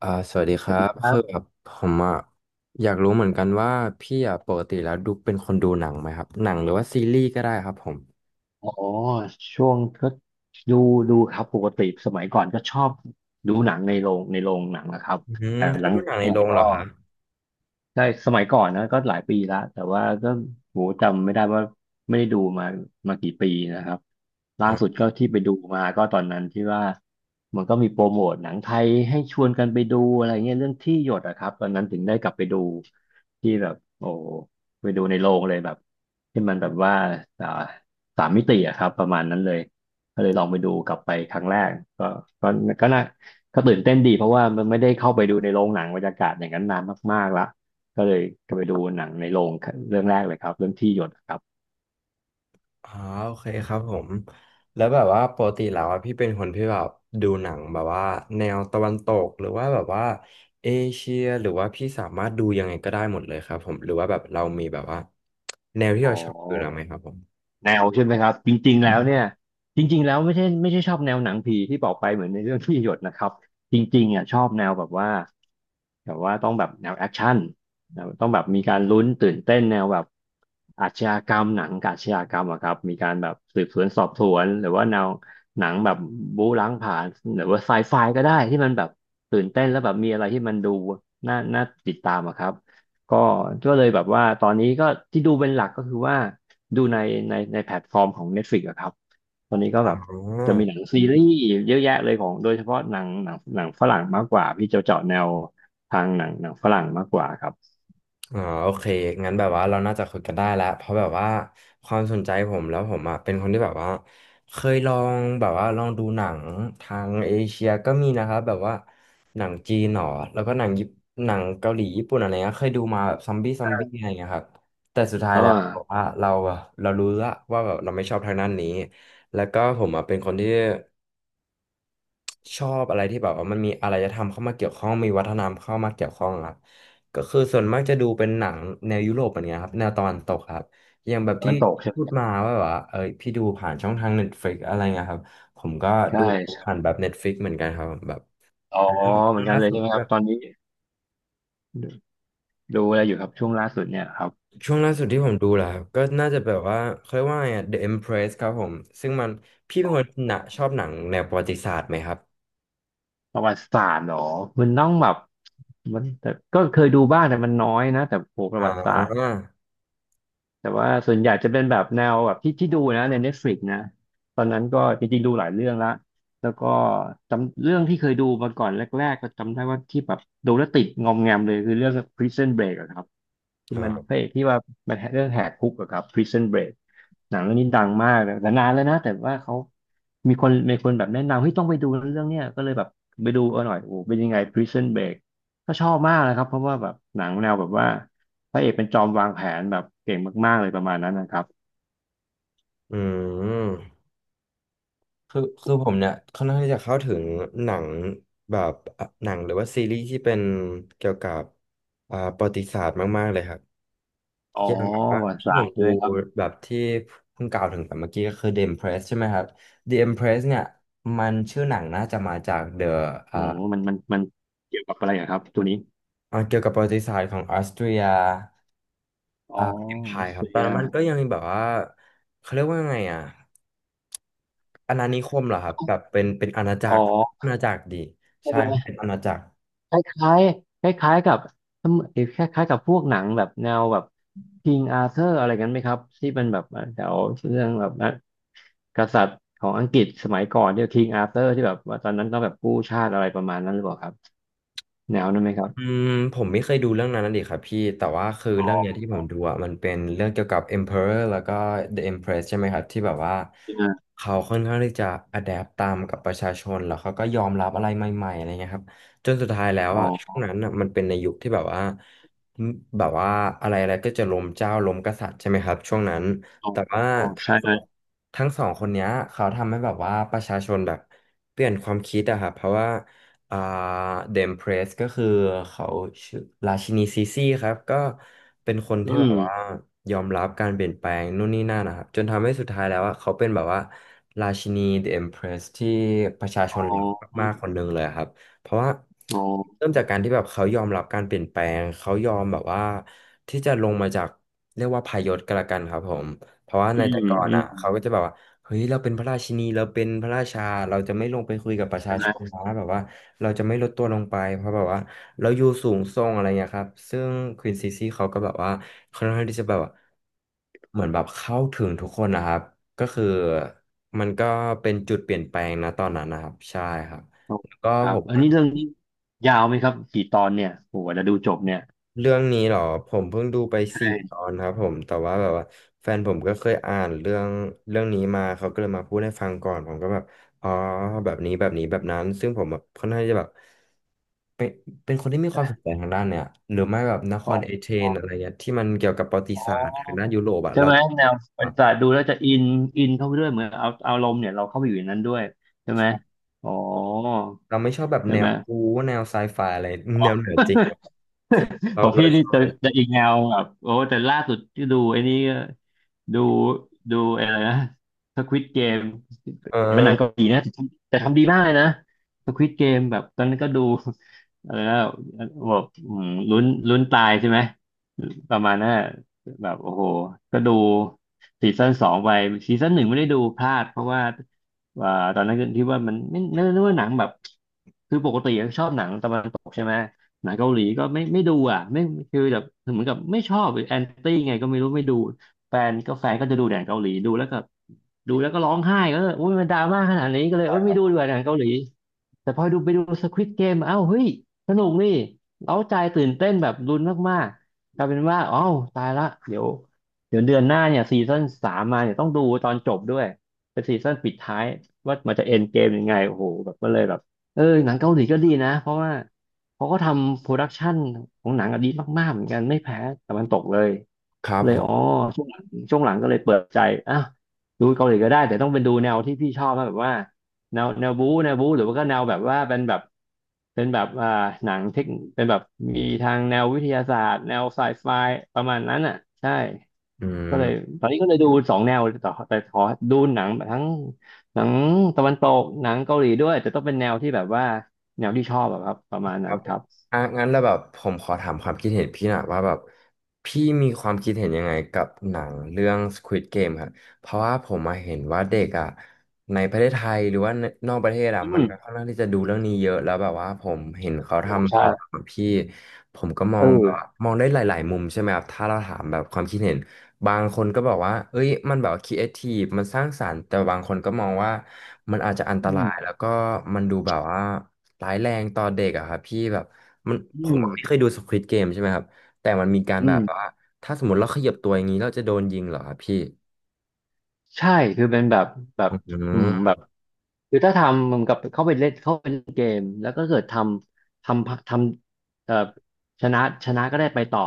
สวัสดีสควัรัสดีบครัคือบแบบผมอ่ะอยากรู้เหมือนกันว่าพี่อ่ะปกติแล้วดูเป็นคนดูหนังไหมครับหนังหรือว่าซีรีส์ก็ได้ครับผมอ๋อช่วงก็ดูดูครับปกติสมัยก่อนก็ชอบดูหนังในโรงหนังนะครับอืแต่ชหอลับงดูหนังในเนี่ยโรงก็ เหรอครับใช่สมัยก่อนนะก็หลายปีละแต่ว่าก็โหจำไม่ได้ว่าไม่ได้ดูมามากี่ปีนะครับล่าอ่สุดาก็ที่ไปดูมาก็ตอนนั้นที่ว่ามันก็มีโปรโมทหนังไทยให้ชวนกันไปดูอะไรเงี้ยเรื่องที่หยดอะครับตอนนั้นถึงได้กลับไปดูที่แบบโอ้ไปดูในโรงเลยแบบที่มันแบบว่าอ่าสามมิติอะครับประมาณนั้นเลยก็เลยลองไปดูกลับไปครั้งแรกก็ก็ก็น่าก็ตื่นเต้นดีเพราะว่ามันไม่ได้เข้าไปดูในโรงหนังบรรยากาศอย่างนั้นนานมากๆละ ก็เลยก็ไปดูหนังในโรงเรื่องแรกเลยครับเรื่องที่หยดครับอ๋อโอเคครับผมแล้วแบบว่าปกติแล้วอ่ะพี่เป็นคนที่แบบดูหนังแบบว่าแนวตะวันตกหรือว่าแบบว่าเอเชียหรือว่าพี่สามารถดูยังไงก็ได้หมดเลยครับผมหรือว่าแบบเรามีแบบว่าแนวที่อ๋เราชอบดูแล้วไหมอครับผมแนวใช่ไหมครับจริงๆแล้วเนี่ยจริงๆแล้วไม่ใช่ชอบแนวหนังผีที่บอกไปเหมือนในเรื่องที่หยดนะครับจริงๆอ่ะชอบแนวแบบว่าแบบว่าต้องแบบแนวแอคชั่นแนวต้องแบบมีการลุ้นตื่นเต้นแนวแบบอาชญากรรมหนังอาชญากรรมอะครับมีการแบบสืบสวนสอบสวนหรือว่าแนวหนังแบบบู๊ล้างผลาญหรือว่าไซไฟก็ได้ที่มันแบบตื่นเต้นแล้วแบบมีอะไรที่มันดูน่าติดตามอะครับ ก็ก็เลยแบบว่าตอนนี้ก็ที่ดูเป็นหลักก็คือว่าดูในแพลตฟอร์มของ Netflix อะครับตอนนี้ก็อ๋แบบจะมีหนัอ งซีรีส์เยอะแยะเลยของโดยเฉพาะหนังฝรั่งมากกว่าพี่จะเจาะแนวทางหนังฝรั่งมากกว่าครับอ๋อโอเคงั้นแบบว่าเราน่าจะคุยกันได้แล้วเพราะแบบว่าความสนใจผมแล้วผมอ่ะเป็นคนที่แบบว่าเคยลองแบบว่าลองดูหนังทางเอเชียก็มีนะครับแบบว่าหนังจีนหรอแล้วก็หนังญี่ปุ่นหนังเกาหลีญี่ปุ่นอะไรเงี้ยเคยดูมาแบบซอมบี้อะไรเงี้ยครับแต่สุดท้ายอ่แล้วบอกาว่าเราอะเรารู้ละว่าแบบเราไม่ชอบทางด้านนี้แล้วก็ผมอ่ะเป็นคนที่ ชอบอะไรที่แบบว่ามันมีอารยธรรมเข้ามาเกี่ยวข้องมีวัฒนธรรมเข้ามาเกี่ยวข้องครับก็คือส่วนมากจะดูเป็นหนังแนวยุโรปอะไรเงี้ยครับแนวตะวันตกครับอย่างแบบตะที่วันตกใช่ไหมพูดมาว่าแบบว่าเอ้ยพี่ดูผ่านช่องทาง Netflix อะไรเงี้ยครับผมก็ใช่ดูผ่านใช่แบบ Netflix เหมือนกันครับแบบอ๋อเหมืดูอนกันล่าเลยสุดใช่ไหมคแบรับบตอนนี้ดูดูอะไรอยู่ครับช่วงล่าสุดเนี่ยครับช่วงล่าสุดที่ผมดูแหละครับก็น่าจะแบบว่าเขาเรียกว่าไงอะ The Empress ครับผมซึ่งมันพี่เป็นคนหนะชอบหนังแนวประวัติศาสตร์ไหมครับประวัติศาสตร์เหรอมันต้องแบบมันแต่ก็เคยดูบ้างแต่มันน้อยนะแต่โหประอ่วัติศาสตร์ าแต่ว่าส่วนใหญ่จะเป็นแบบแนวแบบที่ดูนะใน Netflix นะตอนนั้นก็จริงๆดูหลายเรื่องละแล้วก็จำเรื่องที่เคยดูมาก่อนแรกๆก็จำได้ว่าที่แบบดูแล้วติดงอมแงมเลยคือเรื่อง Prison Break อะครับที่มันพอ่าระเอกที่ว่ามันเรื่องแหกคุกอะครับ Prison Break หนังเรื่องนี้ดังมากนะแต่นานแล้วนะแต่ว่าเขามีคนแบบแนะนำให้ยต้องไปดูเรื่องเนี้ยก็เลยแบบไปดูเอาหน่อยโอ้โหเป็นยังไง Prison Break ก็ชอบมากนะครับเพราะว่าแบบหนังแนวแบบว่า พระเอกเป็นจอมวางแผนแบบเก่งมากๆเลยประมาณนั้นนะครับอืม คือผมเนี่ยค่อนข้างที่จะเข้าถึงหนังแบบอ่ะหนังหรือว่าซีรีส์ที่เป็นเกี่ยวกับประวัติศาสตร์มากๆเลยครับอ๋ออย่างแบบว่าประวัติที่ศาผสตมร์ดูด้วยครับแบบที่เพิ่งกล่าวถึงแบบเมื่อกี้ก็คือ The Empress ใช่ไหมครับ The Empress เนี่ยมันชื่อหนังน่าจะมาจาก The อ่าโอ้มันเกี่ยวกับอะไรอะครับตัวนี้เกี่ยวกับประวัติศาสตร์ของออสเตรียอ่า อ๋อรั Empire สครับเซีตอนยนั้นมันก็ยังมีแบบว่าเขาเรียกว่าไงอ่ะอาณานิคมเหรอครับแบบเป็นอาณาจัอ๋อกรอาณาจักรดีใช่เออเป็นอาณาจักร คล้ายคล้ายๆกับเอ่คล้ายๆกับพวกหนังแบบแนวแบบ King Arthur อะไรกันไหมครับที่เป็นแบบแถวเรื่องแบบนะกษัตริย์ของอังกฤษสมัยก่อนที่ย King Arthur ที่แบบว่าตอนนั้นต้องแบบกู้ชาติอะไรประมาณนั้นหรือเปล่าครับแนวนั้นไหมครัอืบมผมไม่เคยดูเรื่องนั้นนะดิครับพี่แต่ว่าคืออ๋เรื่องอเนี้ยที่ผมดูอ่ะมันเป็นเรื่องเกี่ยวกับ Emperor แล้วก็ The Empress ใช่ไหมครับที่แบบว่าเขาค่อนข้างที่จะ adapt ตามกับประชาชนแล้วเขาก็ยอมรับอะไรใหม่ๆอะไรเงี้ยครับจนสุดท้ายแล้วอ๋ออ่ะช่วงนั้นอ่ะมันเป็นในยุคที่แบบว่าแบบว่าอะไรอะไรก็จะล้มเจ้าล้มกษัตริย์ใช่ไหมครับช่วงนั้นแต่ว่าอ๋อทั้งใช่สไหมองทั้งสองคนเนี้ยเขาทำให้แบบว่าประชาชนแบบเปลี่ยนความคิดอะครับเพราะว่า อ่าเดมเพรสก็คือเขาชื่อราชินีซีซีครับก็เป็นคนอืที่แบบม ว่ายอมรับการเปลี่ยนแปลงนู่นนี่นั่นนะครับจนทำให้สุดท้ายแล้วว่าเขาเป็นแบบว่าราชินีเดมเพรสที่ประชาชอ๋นรักมากๆคอนหนึ่งเลยครับเพราะว่าอ๋อเริ่มจากการที่แบบเขายอมรับการเปลี่ยนแปลงเขายอมแบบว่าที่จะลงมาจากเรียกว่าพายศก็แล้วกันครับผม เพราะว่าอืในแต่มก่อนอืมอ่ะเขาก็จะแบบว่าเฮ้ยเราเป็นพระราชินีเราเป็นพระราชาเราจะไม่ลงไปคุยกับประชาใช่ไหมชนนะแบบว่าเราจะไม่ลดตัวลงไปเพราะแบบว่าเราอยู่สูงส่งอะไรเงี้ยครับซึ่งควีนซีซีเขาก็แบบว่าค่อนข้างที่จะแบบว่าเหมือนแบบเข้าถึงทุกคนนะครับก็คือมันก็เป็นจุดเปลี่ยนแปลงนะตอนนั้นนะครับใช่ครับโอ้แล้วก็ครัผบม อันนี้เรื่องนี้ยาวไหมครับกี่ตอนเนี่ยโอ้โหจะดูจบเนี่ยเรื่องนี้เหรอผมเพิ่งดูไปสี่ใช่ตอนครับผมแต่ว่าแบบว่าแฟนผมก็เคยอ่านเรื่องนี้มาเขาก็เลยมาพูดให้ฟังก่อนผมก็แบบอ๋อแบบนี้แบบนี้แบบนั้นซึ่งผมแบบค่อนข้างจะแบบเป็นเป็นคนที่มีความสนใจทางด้านเนี่ยหรือไม่แบบนคอ๋อรเอเธนอะไรเงี้ยที่มันเกี่ยวกับประวัติอ๋อศาสตร์ทางด้านยุโรปอะใช่เราไหมแนวบอะริษัทดูแล้วจะอินอินเข้าไปด้วยเหมือนเอาอารมณ์เนี่ยเราเข้าไปอยู่ในนั้นด้วยใช่ไหมใช่อ๋อเราไม่ชอบแบบใช่แนไหวม คูแนวไซไฟอะไรแนวเหนือจริงอะ เราของเราพี่ชนี่อบจะอะไรจะอีกแนวแบบโอ้แต่ล่าสุดที่ดูไอ้นี่ก็ดูอะไรนะสควิดเกม เออเป็นหนังเกาหลีนะแต่ทำแต่ทำดีมากเลยนะสควิดเกมแบบตอนนั้นก็ดู อะไรนะแบบอืมลุ้นตายใช่ไหมประมาณนั้นอะแบบโอ้โหก็ดูซีซั่นสองไปซีซั่นหนึ่งไม่ได้ดูพลาดเพราะว่าตอนนั้นก็ที่ว่ามันไม่นึกว่าหนังแบบคือปกติชอบหนังตะวันตกใช่ไหมหนังเกาหลีก็ไม่ดูอ่ะไม่คือแบบเหมือนกับไม่ชอบแอนตี้ไงก็ไม่รู้ไม่ดูแฟนก็จะดูหนังเกาหลีดูแล้วก็ ดูแล้วก็ร้องไห้ก็โอ้ยมันดราม่าขนาดนี้ก็เลยโอ้ยไม่ดูดีกว่าหนังเกาหลี แต่พอดูไปดูสควิดเกมอ้าวเฮ้ยสนุกนี่เร้าใจตื่นเต้นแบบลุ้นมากๆกลายเป็นว่า อ้าวตายละเดี๋ยวเดือนหน้าเนี่ยซีซั่นสามมาเนี่ยต้องดูตอนจบด้วย เป็นซีซั่นปิดท้ายว่ามันจะเอ็นเกมยังไงโอ้โหแบบก็เลยแบบเออหนังเกาหลีก็ดีนะเพราะว่าเขาก็ทำโปรดักชันของหนังอะดีมากๆเหมือนกันไม่แพ้ตะวันตกเลย ครับเลผยอ๋อมช่วงหลังช่วงหลังก็เลยเปิดใจอ่ะดูเกาหลีก็ได้แต่ต้องเป็นดูแนวที่พี่ชอบนะแบบว่าแนวแนวบู๊หรือว่าก็แนวแบบว่าเป็นแบบเป็นแบบหนังเทคเป็นแบบมีทางแนววิทยาศาสตร์แนวไซไฟประมาณนั้นอ่ะใช่อืก็เลยม ตอนนี้ก็เลยดูสองแนวแต่ขอดูหนังทั้งหนังตะวันตกหนังเกาหลีด้วยแต่ต้องเป็นแนวที่แบบว่าแนวที่ชอบอะครับประมาณคนั้รันบผคมรับอ่ะงั้นแล้วแบบผมขอถามความคิดเห็นพี่หน่อยว่าแบบพี่มีความคิดเห็นยังไงกับหนังเรื่อง Squid Game ครับ เพราะว่าผมมาเห็นว่าเด็กอ่ะในประเทศไทยหรือว่านอกประเทศอ่ะอืมันมก็ค่อนข้างที่จะดูเรื่องนี้เยอะแล้วแบบว่าผมเห็นเขาโอ้ทำใช่ตามอะพี่ผมก็มอเองแบอบว่ามองได้หลายๆมุมใช่ไหมครับถ้าเราถามแบบความคิดเห็นบางคนก็บอกว่าเอ้ยมันแบบครีเอทีฟมันสร้างสรรค์แต่บางคนก็มองว่า มันอาจจะอันตอืรามยแล้วก็มันดูแบบว่าร้ายแรงต่อเด็กอะครับพี่แบบมันอืผมมไม่เคยดูสควิดเกมใช่ไหมครับแต่มันมีการอืแบม บว่าถ้าสมมติเราขยับตัวอย่างนี้เราจะโดนยิงเหรอครับพี่ใช่คือเป็นแบบแบบอือืมแบมบคือถ้าทำมันกับเข้าไปเล่นเกมแล้วก็เกิดทำทำทำเอ่อชนะก็ได้ไปต่อ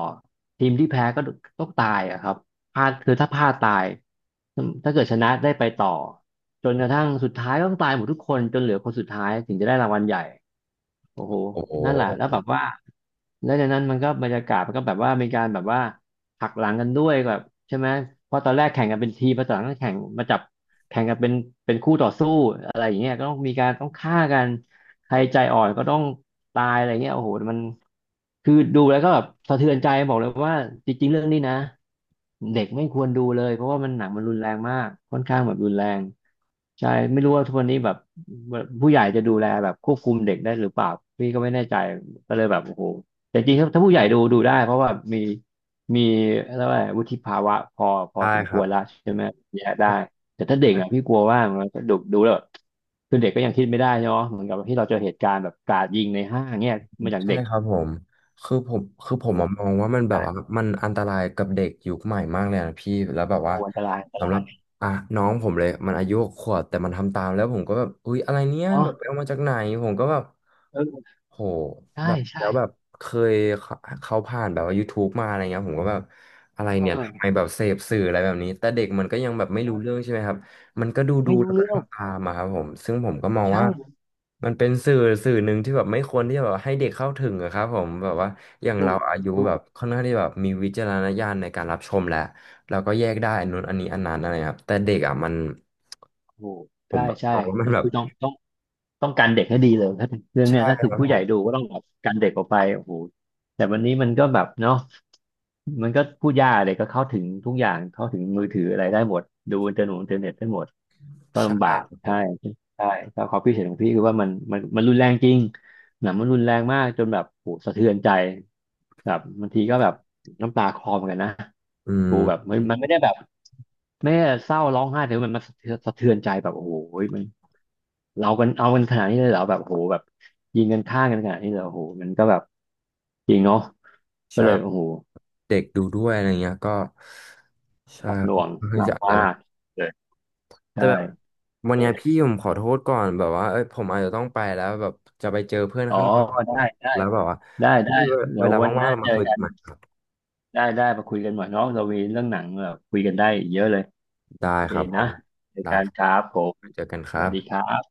ทีมที่แพ้ก็ต้องตายอะครับพลาดคือถ้าพลาดตายถ้าเกิดชนะได้ไปต่อจนกระทั่งสุดท้ายก็ต้องตายหมดทุกคนจนเหลือคนสุดท้ายถึงจะได้รางวัลใหญ่ โอ้โห โอ้โหนั่นแหละแล้วแบบว่าแล้วจากนั้นมันก็บรรยากาศมันก็แบบว่ามีการแบบว่าหักหลังกันด้วยแบบใช่ไหมเพราะตอนแรกแข่งกันเป็นทีมพอตอนหลังก็แข่งมาจับแข่งกันเป็นเป็นคู่ต่อสู้อะไรอย่างเงี้ยก็ต้องมีการต้องฆ่ากันใครใจอ่อนก็ต้องตายอะไรเงี้ยโอ้โหมันคือดูแล้วก็แบบสะเทือนใจบอกเลยว่าจริงๆเรื่องนี้นะเด็กไม่ควรดูเลยเพราะว่ามันหนังมันรุนแรงมากค่อนข้างแบบรุนแรง ใช่ไม่รู้ว่าทุกวันนี้แบบผู้ใหญ่จะดูแลแบบควบคุมเด็กได้หรือเปล่าพี่ก็ไม่แน่ใจก็เลยแบบโอ้โหแต่จริงๆถ้าผู้ใหญ่ดูได้เพราะว่ามีอะไรยกว่าวุฒิภาวะพอใช่สมคครัวรบ แล้วใช่ไหมแยกได้แต่ถ้าเด็กอ่ะพี่กลัวว่ามันจะดูแล้วแบบคือเด็กก็ยังคิดไม่ได้เนาะเหมือนกับที่เราเจอเหตุการณ์แบบกราดยิงในห้างเนี่ยมาจากใช่เด็กครับผม คือผมอะมองว่ามันแบบได้ว่ามันอันตรายกับเด็กยุคใหม่มากเลยนะพี่ แล้วแบบโอ้ว่าอันตรายอันตสำราหรับยอ่ะน้องผมเลยมันอายุ6 ขวบแต่มันทำตามแล้วผมก็แบบอุ๊ยอะไรเนี้ยแบเนาะบไปเอามาจากไหนผมก็แบบเออโหใช่แบบใช่แล้วแบบเคยเขาผ่านแบบว่า YouTube มาอะไรเงี้ยผมก็แบบอะเไรเนี่ยอทำไมอแบบเสพสื่ออะไรแบบนี้แต่เด็กมันก็ยังแบบไม่รู้เรื่องใช่ไหมครับ มันก็ดูไม่รู้แล้วก็เรื่องทำตามอะครับผมซึ่งผมก็มองใช่ว่ามันเป็นสื่อหนึ่งที่แบบไม่ควรที่จะแบบให้เด็กเข้าถึงอะครับผมแบบว่าอย่างถูเรากอายุถูแบก บค่อนข้างที่แบบมีวิจารณญาณในการรับชมแล้วเราก็แยกได้อันนู้นอันนี้อันนั้นอะไรครับแต่เด็กอะมันโอ้ผใช่มแบบใช่มองว่ามัต้นองแบบคือต้องการเด็กให้ดีเลยถ้าเรื่องเนี้ใช่ยถ้าถึคงรับผู้ใหญ่ดูก็ต้องแบบการเด็กออกไปโอ้โหแต่วันนี้มันก็แบบเนาะมันก็พูดยากเลยก็เข้าถึงทุกอย่างเข้าถึงมือถืออะไรได้หมดดูอินเทอร์เน็ตอินเทอร์เน็ตได้หมดก็ใช่ลำบากครับผใช่มใช่แล้วความคิดเห็นของพี่คือว่ามันรุนแรงจริงหนังมันรุนแรงมากจนแบบโหสะเทือนใจแบบบางทีก็แบบน้ำตาคลอเหมอนกันนะอืโหมแบบมันไม่ได้แบบไม่ได้เศร้าร้องไห้แต่ว่ามันสะเทือนใจแบบโอ้โหมัน เรากันเอากันขนาดนี้เลยเหรอแบบโหแบบยิงกันฆ่ากันขนาดนี้เลยเหรอโหมันก็แบบจริงเนาะก็ใช่เลยโอ้โหเด็กดูด้วยอะไรเงี้ยก็ใช่หนักหน่ค่วองน่างลีหนักจะอัมานกต เลยแต่ใช่แบบวันก็เนี้เลยยพี่ผมขอโทษก่อนแบบว่าเอ้ยผมอาจจะต้องไปแล้วแบบจะไปเจอเพื่อนอ๋อข้างนอกครับผได้มได้แล้วแบบว่าได้ได้เดี๋เวยวลาวันหว่างน้าๆเราเจมาอคุยกักันนใหม่ได้ได้มาคุยกันหน่อยเนาะเรามีเรื่องหนังแบบคุยกันได้เยอะเลยโอได้เคครับผนะมเจอได้กันครับครับผมเจอกันคสรัวัสบดีครับ